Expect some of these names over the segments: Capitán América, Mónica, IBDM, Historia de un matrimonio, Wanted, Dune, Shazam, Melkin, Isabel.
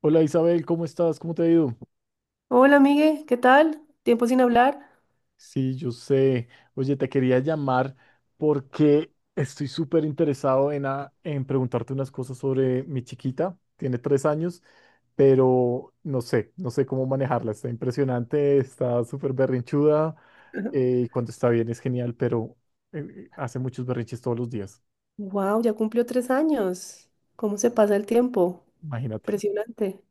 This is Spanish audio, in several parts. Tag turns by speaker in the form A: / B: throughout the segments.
A: Hola Isabel, ¿cómo estás? ¿Cómo te ha ido?
B: Hola, Miguel, ¿qué tal? Tiempo sin hablar.
A: Sí, yo sé. Oye, te quería llamar porque estoy súper interesado en preguntarte unas cosas sobre mi chiquita. Tiene 3 años, pero no sé cómo manejarla. Está impresionante, está súper berrinchuda cuando está bien es genial, pero hace muchos berrinches todos los días.
B: Wow, ya cumplió 3 años. ¿Cómo se pasa el tiempo?
A: Imagínate.
B: Impresionante.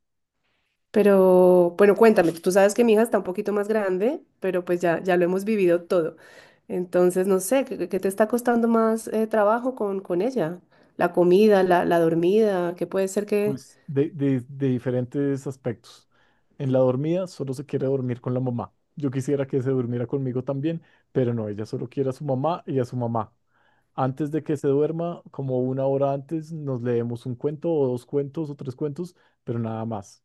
B: Pero bueno, cuéntame, tú sabes que mi hija está un poquito más grande, pero pues ya lo hemos vivido todo. Entonces, no sé, ¿Qué te está costando más trabajo con ella? La comida, la dormida, ¿qué puede ser que?
A: Pues de diferentes aspectos. En la dormida solo se quiere dormir con la mamá. Yo quisiera que se durmiera conmigo también, pero no, ella solo quiere a su mamá y a su mamá. Antes de que se duerma, como una hora antes, nos leemos un cuento o dos cuentos o tres cuentos, pero nada más.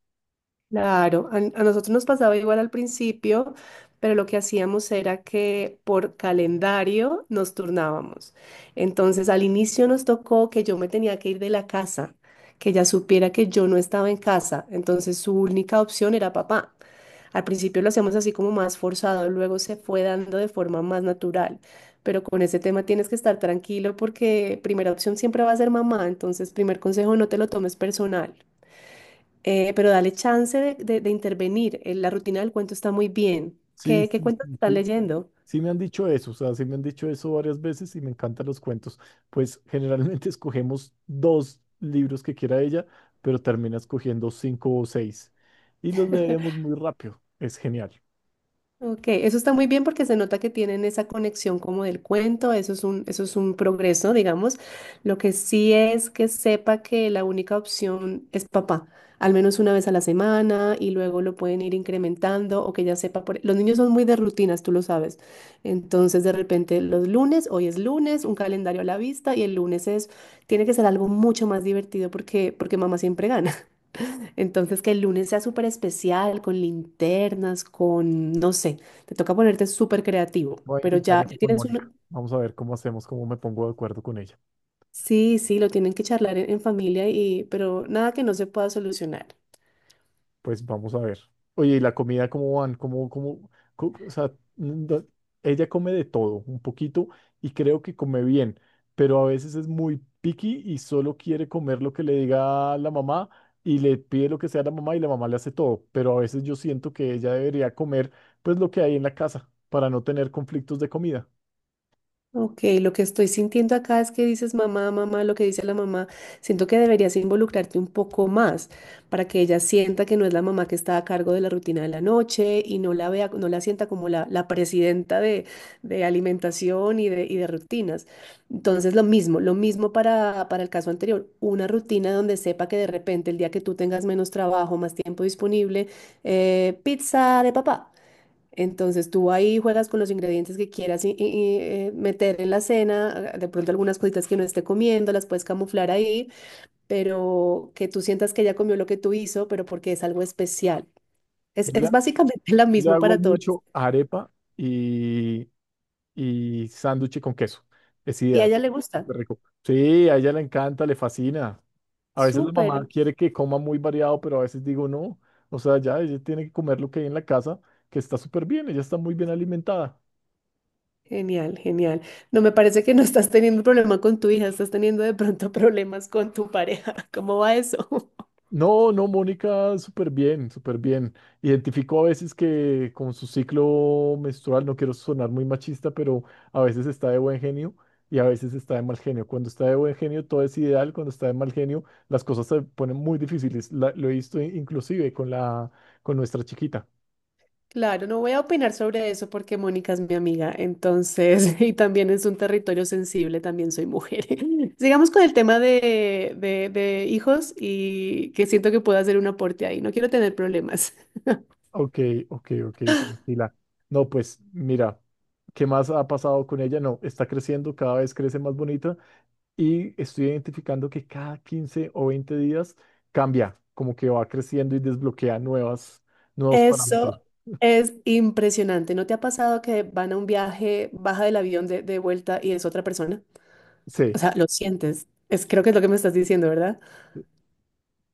B: Claro, a nosotros nos pasaba igual al principio, pero lo que hacíamos era que por calendario nos turnábamos. Entonces, al inicio nos tocó que yo me tenía que ir de la casa, que ella supiera que yo no estaba en casa. Entonces, su única opción era papá. Al principio lo hacíamos así como más forzado, luego se fue dando de forma más natural. Pero con ese tema tienes que estar tranquilo porque primera opción siempre va a ser mamá. Entonces, primer consejo, no te lo tomes personal, pero dale chance de intervenir. La rutina del cuento está muy bien.
A: Sí,
B: ¿Qué
A: sí,
B: cuentos
A: sí,
B: estás
A: sí.
B: leyendo?
A: Sí me han dicho eso, o sea, sí me han dicho eso varias veces y me encantan los cuentos. Pues generalmente escogemos dos libros que quiera ella, pero termina escogiendo cinco o seis y los leemos muy rápido. Es genial.
B: Ok, eso está muy bien porque se nota que tienen esa conexión como del cuento, eso es un progreso, digamos. Lo que sí es que sepa que la única opción es papá, al menos una vez a la semana y luego lo pueden ir incrementando o que ya sepa. Los niños son muy de rutinas, tú lo sabes. Entonces, de repente, los lunes, hoy es lunes, un calendario a la vista y el lunes es, tiene que ser algo mucho más divertido porque mamá siempre gana. Entonces, que el lunes sea súper especial, con linternas, con, no sé, te toca ponerte súper creativo,
A: Voy a
B: pero
A: intentar
B: ya,
A: eso
B: ya
A: con
B: tienes
A: Mónica.
B: un.
A: Vamos a ver cómo hacemos, cómo me pongo de acuerdo con ella.
B: Sí, sí, lo tienen que charlar en familia y, pero nada que no se pueda solucionar.
A: Pues vamos a ver. Oye, ¿y la comida cómo van? ¿Cómo? O sea, mm, do- ella come de todo, un poquito, y creo que come bien, pero a veces es muy picky y solo quiere comer lo que le diga la mamá y le pide lo que sea a la mamá y la mamá le hace todo, pero a veces yo siento que ella debería comer pues lo que hay en la casa para no tener conflictos de comida.
B: Ok, lo que estoy sintiendo acá es que dices mamá, mamá, lo que dice la mamá. Siento que deberías involucrarte un poco más para que ella sienta que no es la mamá que está a cargo de la rutina de la noche y no la vea, no la sienta como la presidenta de alimentación y de rutinas. Entonces, lo mismo para el caso anterior. Una rutina donde sepa que de repente el día que tú tengas menos trabajo, más tiempo disponible, pizza de papá. Entonces tú ahí juegas con los ingredientes que quieras meter en la cena, de pronto algunas cositas que no esté comiendo, las puedes camuflar ahí, pero que tú sientas que ella comió lo que tú hizo, pero porque es algo especial. Es,
A: Yo le,
B: es básicamente lo
A: yo le
B: mismo
A: hago
B: para todos
A: mucho arepa y y sándwich con queso. Es
B: y a
A: ideal.
B: ella le gusta.
A: Súper rico. Sí, a ella le encanta, le fascina. A veces la
B: Súper.
A: mamá quiere que coma muy variado, pero a veces digo no. O sea, ya ella tiene que comer lo que hay en la casa, que está súper bien, ella está muy bien alimentada.
B: Genial, genial. No me parece que no estás teniendo problema con tu hija, estás teniendo de pronto problemas con tu pareja. ¿Cómo va eso?
A: No, no, Mónica, súper bien, súper bien. Identifico a veces que con su ciclo menstrual, no quiero sonar muy machista, pero a veces está de buen genio y a veces está de mal genio. Cuando está de buen genio todo es ideal, cuando está de mal genio las cosas se ponen muy difíciles. Lo he visto inclusive con con nuestra chiquita.
B: Claro, no voy a opinar sobre eso porque Mónica es mi amiga, entonces, y también es un territorio sensible, también soy mujer. Sigamos con el tema de hijos y que siento que puedo hacer un aporte ahí, no quiero tener problemas.
A: Ok, ok, ok, tranquila. No, pues mira, ¿qué más ha pasado con ella? No, está creciendo, cada vez crece más bonita. Y estoy identificando que cada 15 o 20 días cambia, como que va creciendo y desbloquea nuevos
B: Eso
A: parámetros.
B: es impresionante, ¿no te ha pasado que van a un viaje, baja del avión de vuelta y es otra persona? O
A: Sí,
B: sea, lo sientes, es, creo que es lo que me estás diciendo, ¿verdad?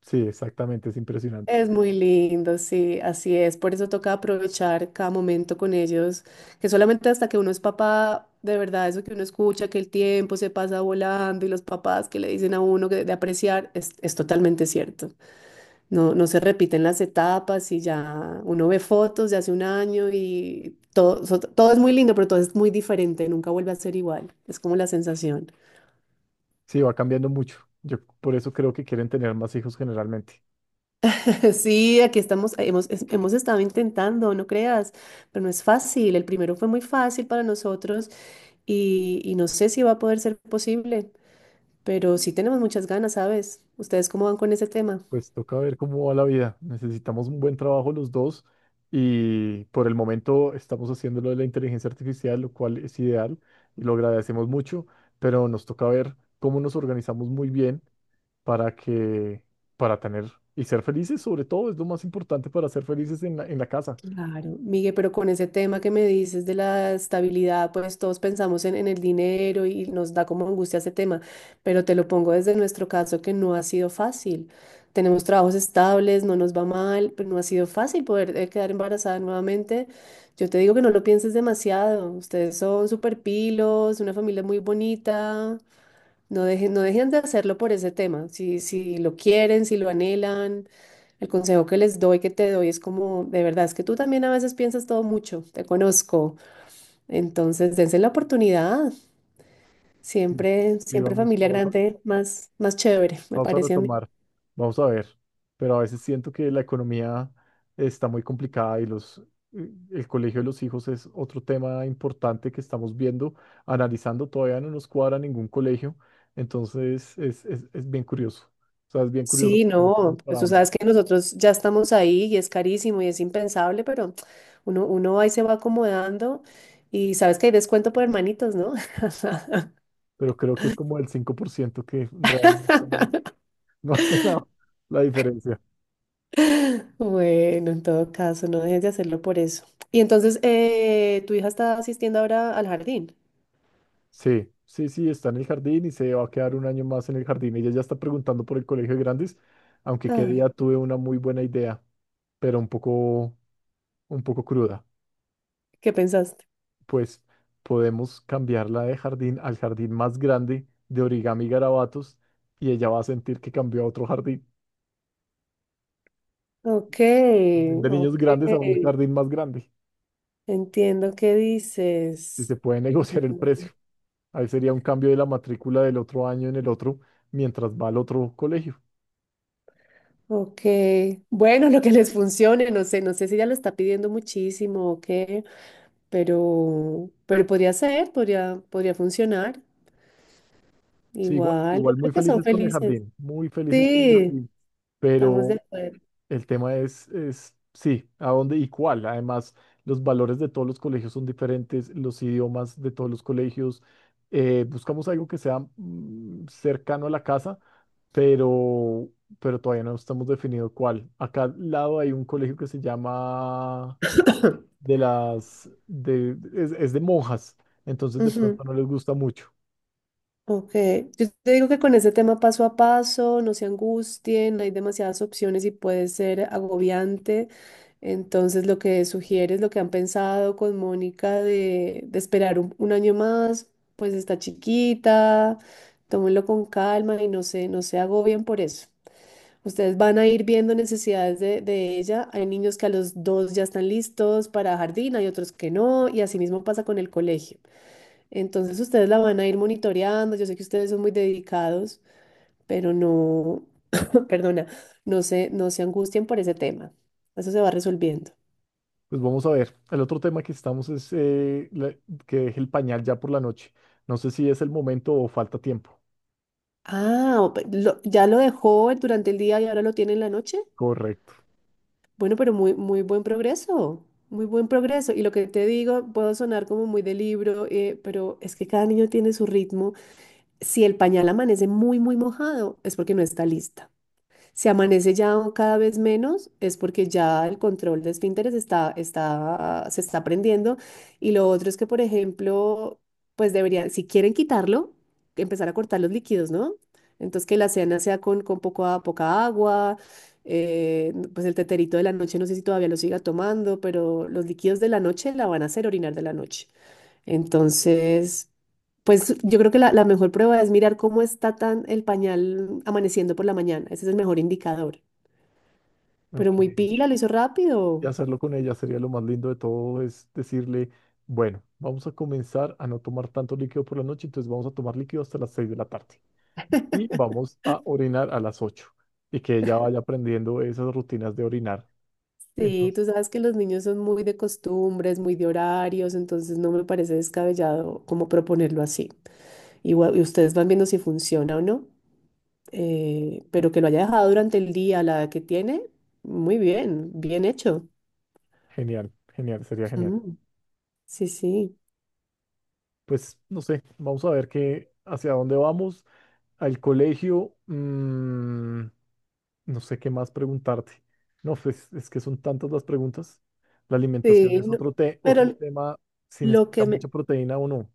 A: sí, exactamente, es impresionante.
B: Es muy lindo, sí, así es. Por eso toca aprovechar cada momento con ellos, que solamente hasta que uno es papá, de verdad, eso que uno escucha, que el tiempo se pasa volando y los papás que le dicen a uno que de apreciar, es totalmente cierto. No, no se repiten las etapas y ya uno ve fotos de hace un año y todo, todo es muy lindo, pero todo es muy diferente, nunca vuelve a ser igual. Es como la sensación.
A: Sí, va cambiando mucho. Yo por eso creo que quieren tener más hijos generalmente.
B: Sí, aquí estamos, hemos estado intentando, no creas, pero no es fácil. El primero fue muy fácil para nosotros y no sé si va a poder ser posible, pero sí tenemos muchas ganas, ¿sabes? ¿Ustedes cómo van con ese tema?
A: Pues toca ver cómo va la vida. Necesitamos un buen trabajo los dos y por el momento estamos haciendo lo de la inteligencia artificial, lo cual es ideal y lo agradecemos mucho, pero nos toca ver cómo nos organizamos muy bien para que, para tener y ser felices, sobre todo, es lo más importante para ser felices en la casa.
B: Claro, Miguel, pero con ese tema que me dices de la estabilidad, pues todos pensamos en el dinero y nos da como angustia ese tema, pero te lo pongo desde nuestro caso que no ha sido fácil. Tenemos trabajos estables, no nos va mal, pero no ha sido fácil poder quedar embarazada nuevamente. Yo te digo que no lo pienses demasiado, ustedes son súper pilos, una familia muy bonita, no dejen, no dejen de hacerlo por ese tema. Si, si lo quieren, si lo anhelan, el consejo que les doy, que te doy, es como, de verdad, es que tú también a veces piensas todo mucho, te conozco. Entonces, dense la oportunidad.
A: Mm.
B: Siempre,
A: Y
B: siempre
A: vamos,
B: familia
A: vamos a
B: grande, más, más chévere, me
A: Vamos a
B: parece a mí.
A: retomar, vamos a ver, pero a veces siento que la economía está muy complicada y el colegio de los hijos es otro tema importante que estamos viendo, analizando, todavía no nos cuadra ningún colegio, entonces es bien curioso, o sea, es bien curioso
B: Sí,
A: porque no
B: no,
A: sabemos para
B: pues tú
A: dónde,
B: sabes que nosotros ya estamos ahí y es carísimo y es impensable, pero uno ahí se va acomodando y sabes que hay descuento por hermanitos, ¿no?
A: pero creo que es como el 5% que realmente no no hace la diferencia.
B: Bueno, en todo caso, no dejes de hacerlo por eso. Y entonces, tu hija está asistiendo ahora al jardín.
A: Sí, sí, sí, está en el jardín y se va a quedar un año más en el jardín. Ella ya está preguntando por el colegio de grandes, aunque qué día
B: Ay,
A: tuve una muy buena idea, pero un poco cruda.
B: ¿qué pensaste?
A: Pues podemos cambiarla de jardín al jardín más grande de origami y garabatos y ella va a sentir que cambió a otro jardín,
B: Ok,
A: de niños
B: ok.
A: grandes a un jardín más grande.
B: Entiendo qué
A: Y se
B: dices.
A: puede negociar el precio.
B: Ujú.
A: Ahí sería un cambio de la matrícula del otro año en el otro mientras va al otro colegio.
B: Ok. Bueno, lo que les funcione, no sé, no sé si ella lo está pidiendo muchísimo o qué, pero podría ser, podría funcionar.
A: Sí, igual,
B: Igual, yo
A: igual muy
B: creo que son
A: felices con el
B: felices.
A: jardín, muy felices con el
B: Sí,
A: jardín,
B: estamos de
A: pero
B: acuerdo.
A: el tema es, sí, a dónde y cuál. Además, los valores de todos los colegios son diferentes, los idiomas de todos los colegios. Buscamos algo que sea cercano a la casa, pero, pero, todavía no estamos definido cuál. Acá al lado hay un colegio que se llama de las, de, es de monjas, entonces de
B: Ujú.
A: pronto no les gusta mucho.
B: Ok, yo te digo que con ese tema paso a paso, no se angustien, hay demasiadas opciones y puede ser agobiante. Entonces, lo que sugieres, lo que han pensado con Mónica de esperar un año más, pues está chiquita, tómenlo con calma y no se, no se, agobien por eso. Ustedes van a ir viendo necesidades de ella. Hay niños que a los dos ya están listos para jardín, hay otros que no, y así mismo pasa con el colegio. Entonces ustedes la van a ir monitoreando. Yo sé que ustedes son muy dedicados, pero no, perdona, no se angustien por ese tema. Eso se va resolviendo.
A: Pues vamos a ver. El otro tema que estamos es que deje el pañal ya por la noche. No sé si es el momento o falta tiempo.
B: Ah, ya lo dejó durante el día y ahora lo tiene en la noche.
A: Correcto.
B: Bueno, pero muy, muy buen progreso, muy buen progreso. Y lo que te digo, puedo sonar como muy de libro, pero es que cada niño tiene su ritmo. Si el pañal amanece muy, muy mojado, es porque no está lista. Si amanece ya cada vez menos, es porque ya el control de esfínteres se está aprendiendo. Y lo otro es que, por ejemplo, pues deberían, si quieren quitarlo, empezar a cortar los líquidos, ¿no? Entonces que la cena sea con poca, poca agua, pues el teterito de la noche, no sé si todavía lo siga tomando, pero los líquidos de la noche la van a hacer orinar de la noche. Entonces, pues yo creo que la mejor prueba es mirar cómo está tan el pañal amaneciendo por la mañana. Ese es el mejor indicador. Pero
A: Ok.
B: muy pila, lo hizo
A: Y
B: rápido.
A: hacerlo con ella sería lo más lindo de todo, es decirle, bueno, vamos a comenzar a no tomar tanto líquido por la noche, entonces vamos a tomar líquido hasta las 6 de la tarde y vamos a orinar a las 8 y que ella vaya aprendiendo esas rutinas de orinar.
B: Sí,
A: Entonces,
B: tú sabes que los niños son muy de costumbres, muy de horarios, entonces no me parece descabellado como proponerlo así. Igual, y ustedes van viendo si funciona o no. Pero que lo haya dejado durante el día, a la edad que tiene, muy bien, bien hecho.
A: genial, genial, sería genial.
B: Ujú. Sí, sí.
A: Pues no sé, vamos a ver qué, hacia dónde vamos. Al colegio, no sé qué más preguntarte. No, pues es que son tantas las preguntas. La alimentación
B: Sí,
A: es
B: no.
A: otro
B: pero
A: tema, si
B: lo
A: necesita
B: que me,
A: mucha proteína o no.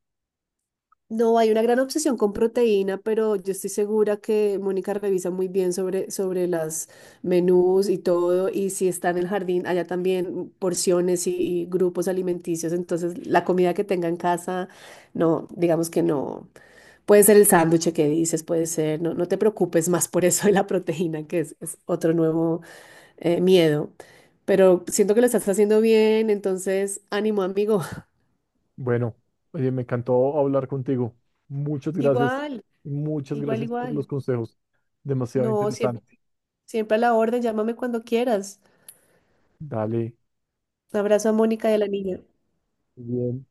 B: No, hay una gran obsesión con proteína, pero yo estoy segura que Mónica revisa muy bien sobre las menús y todo, y si está en el jardín, allá también porciones y grupos alimenticios, entonces la comida que tenga en casa, no, digamos que no, puede ser el sándwich que dices, puede ser, no, no te preocupes más por eso de la proteína, que es otro nuevo miedo, pero siento que lo estás haciendo bien, entonces ánimo, amigo.
A: Bueno, oye, me encantó hablar contigo. Muchas gracias,
B: Igual,
A: muchas
B: igual,
A: gracias por los
B: igual.
A: consejos. Demasiado
B: No, siempre.
A: interesante.
B: Siempre a la orden, llámame cuando quieras.
A: Dale,
B: Un abrazo a Mónica y a la niña.
A: muy bien.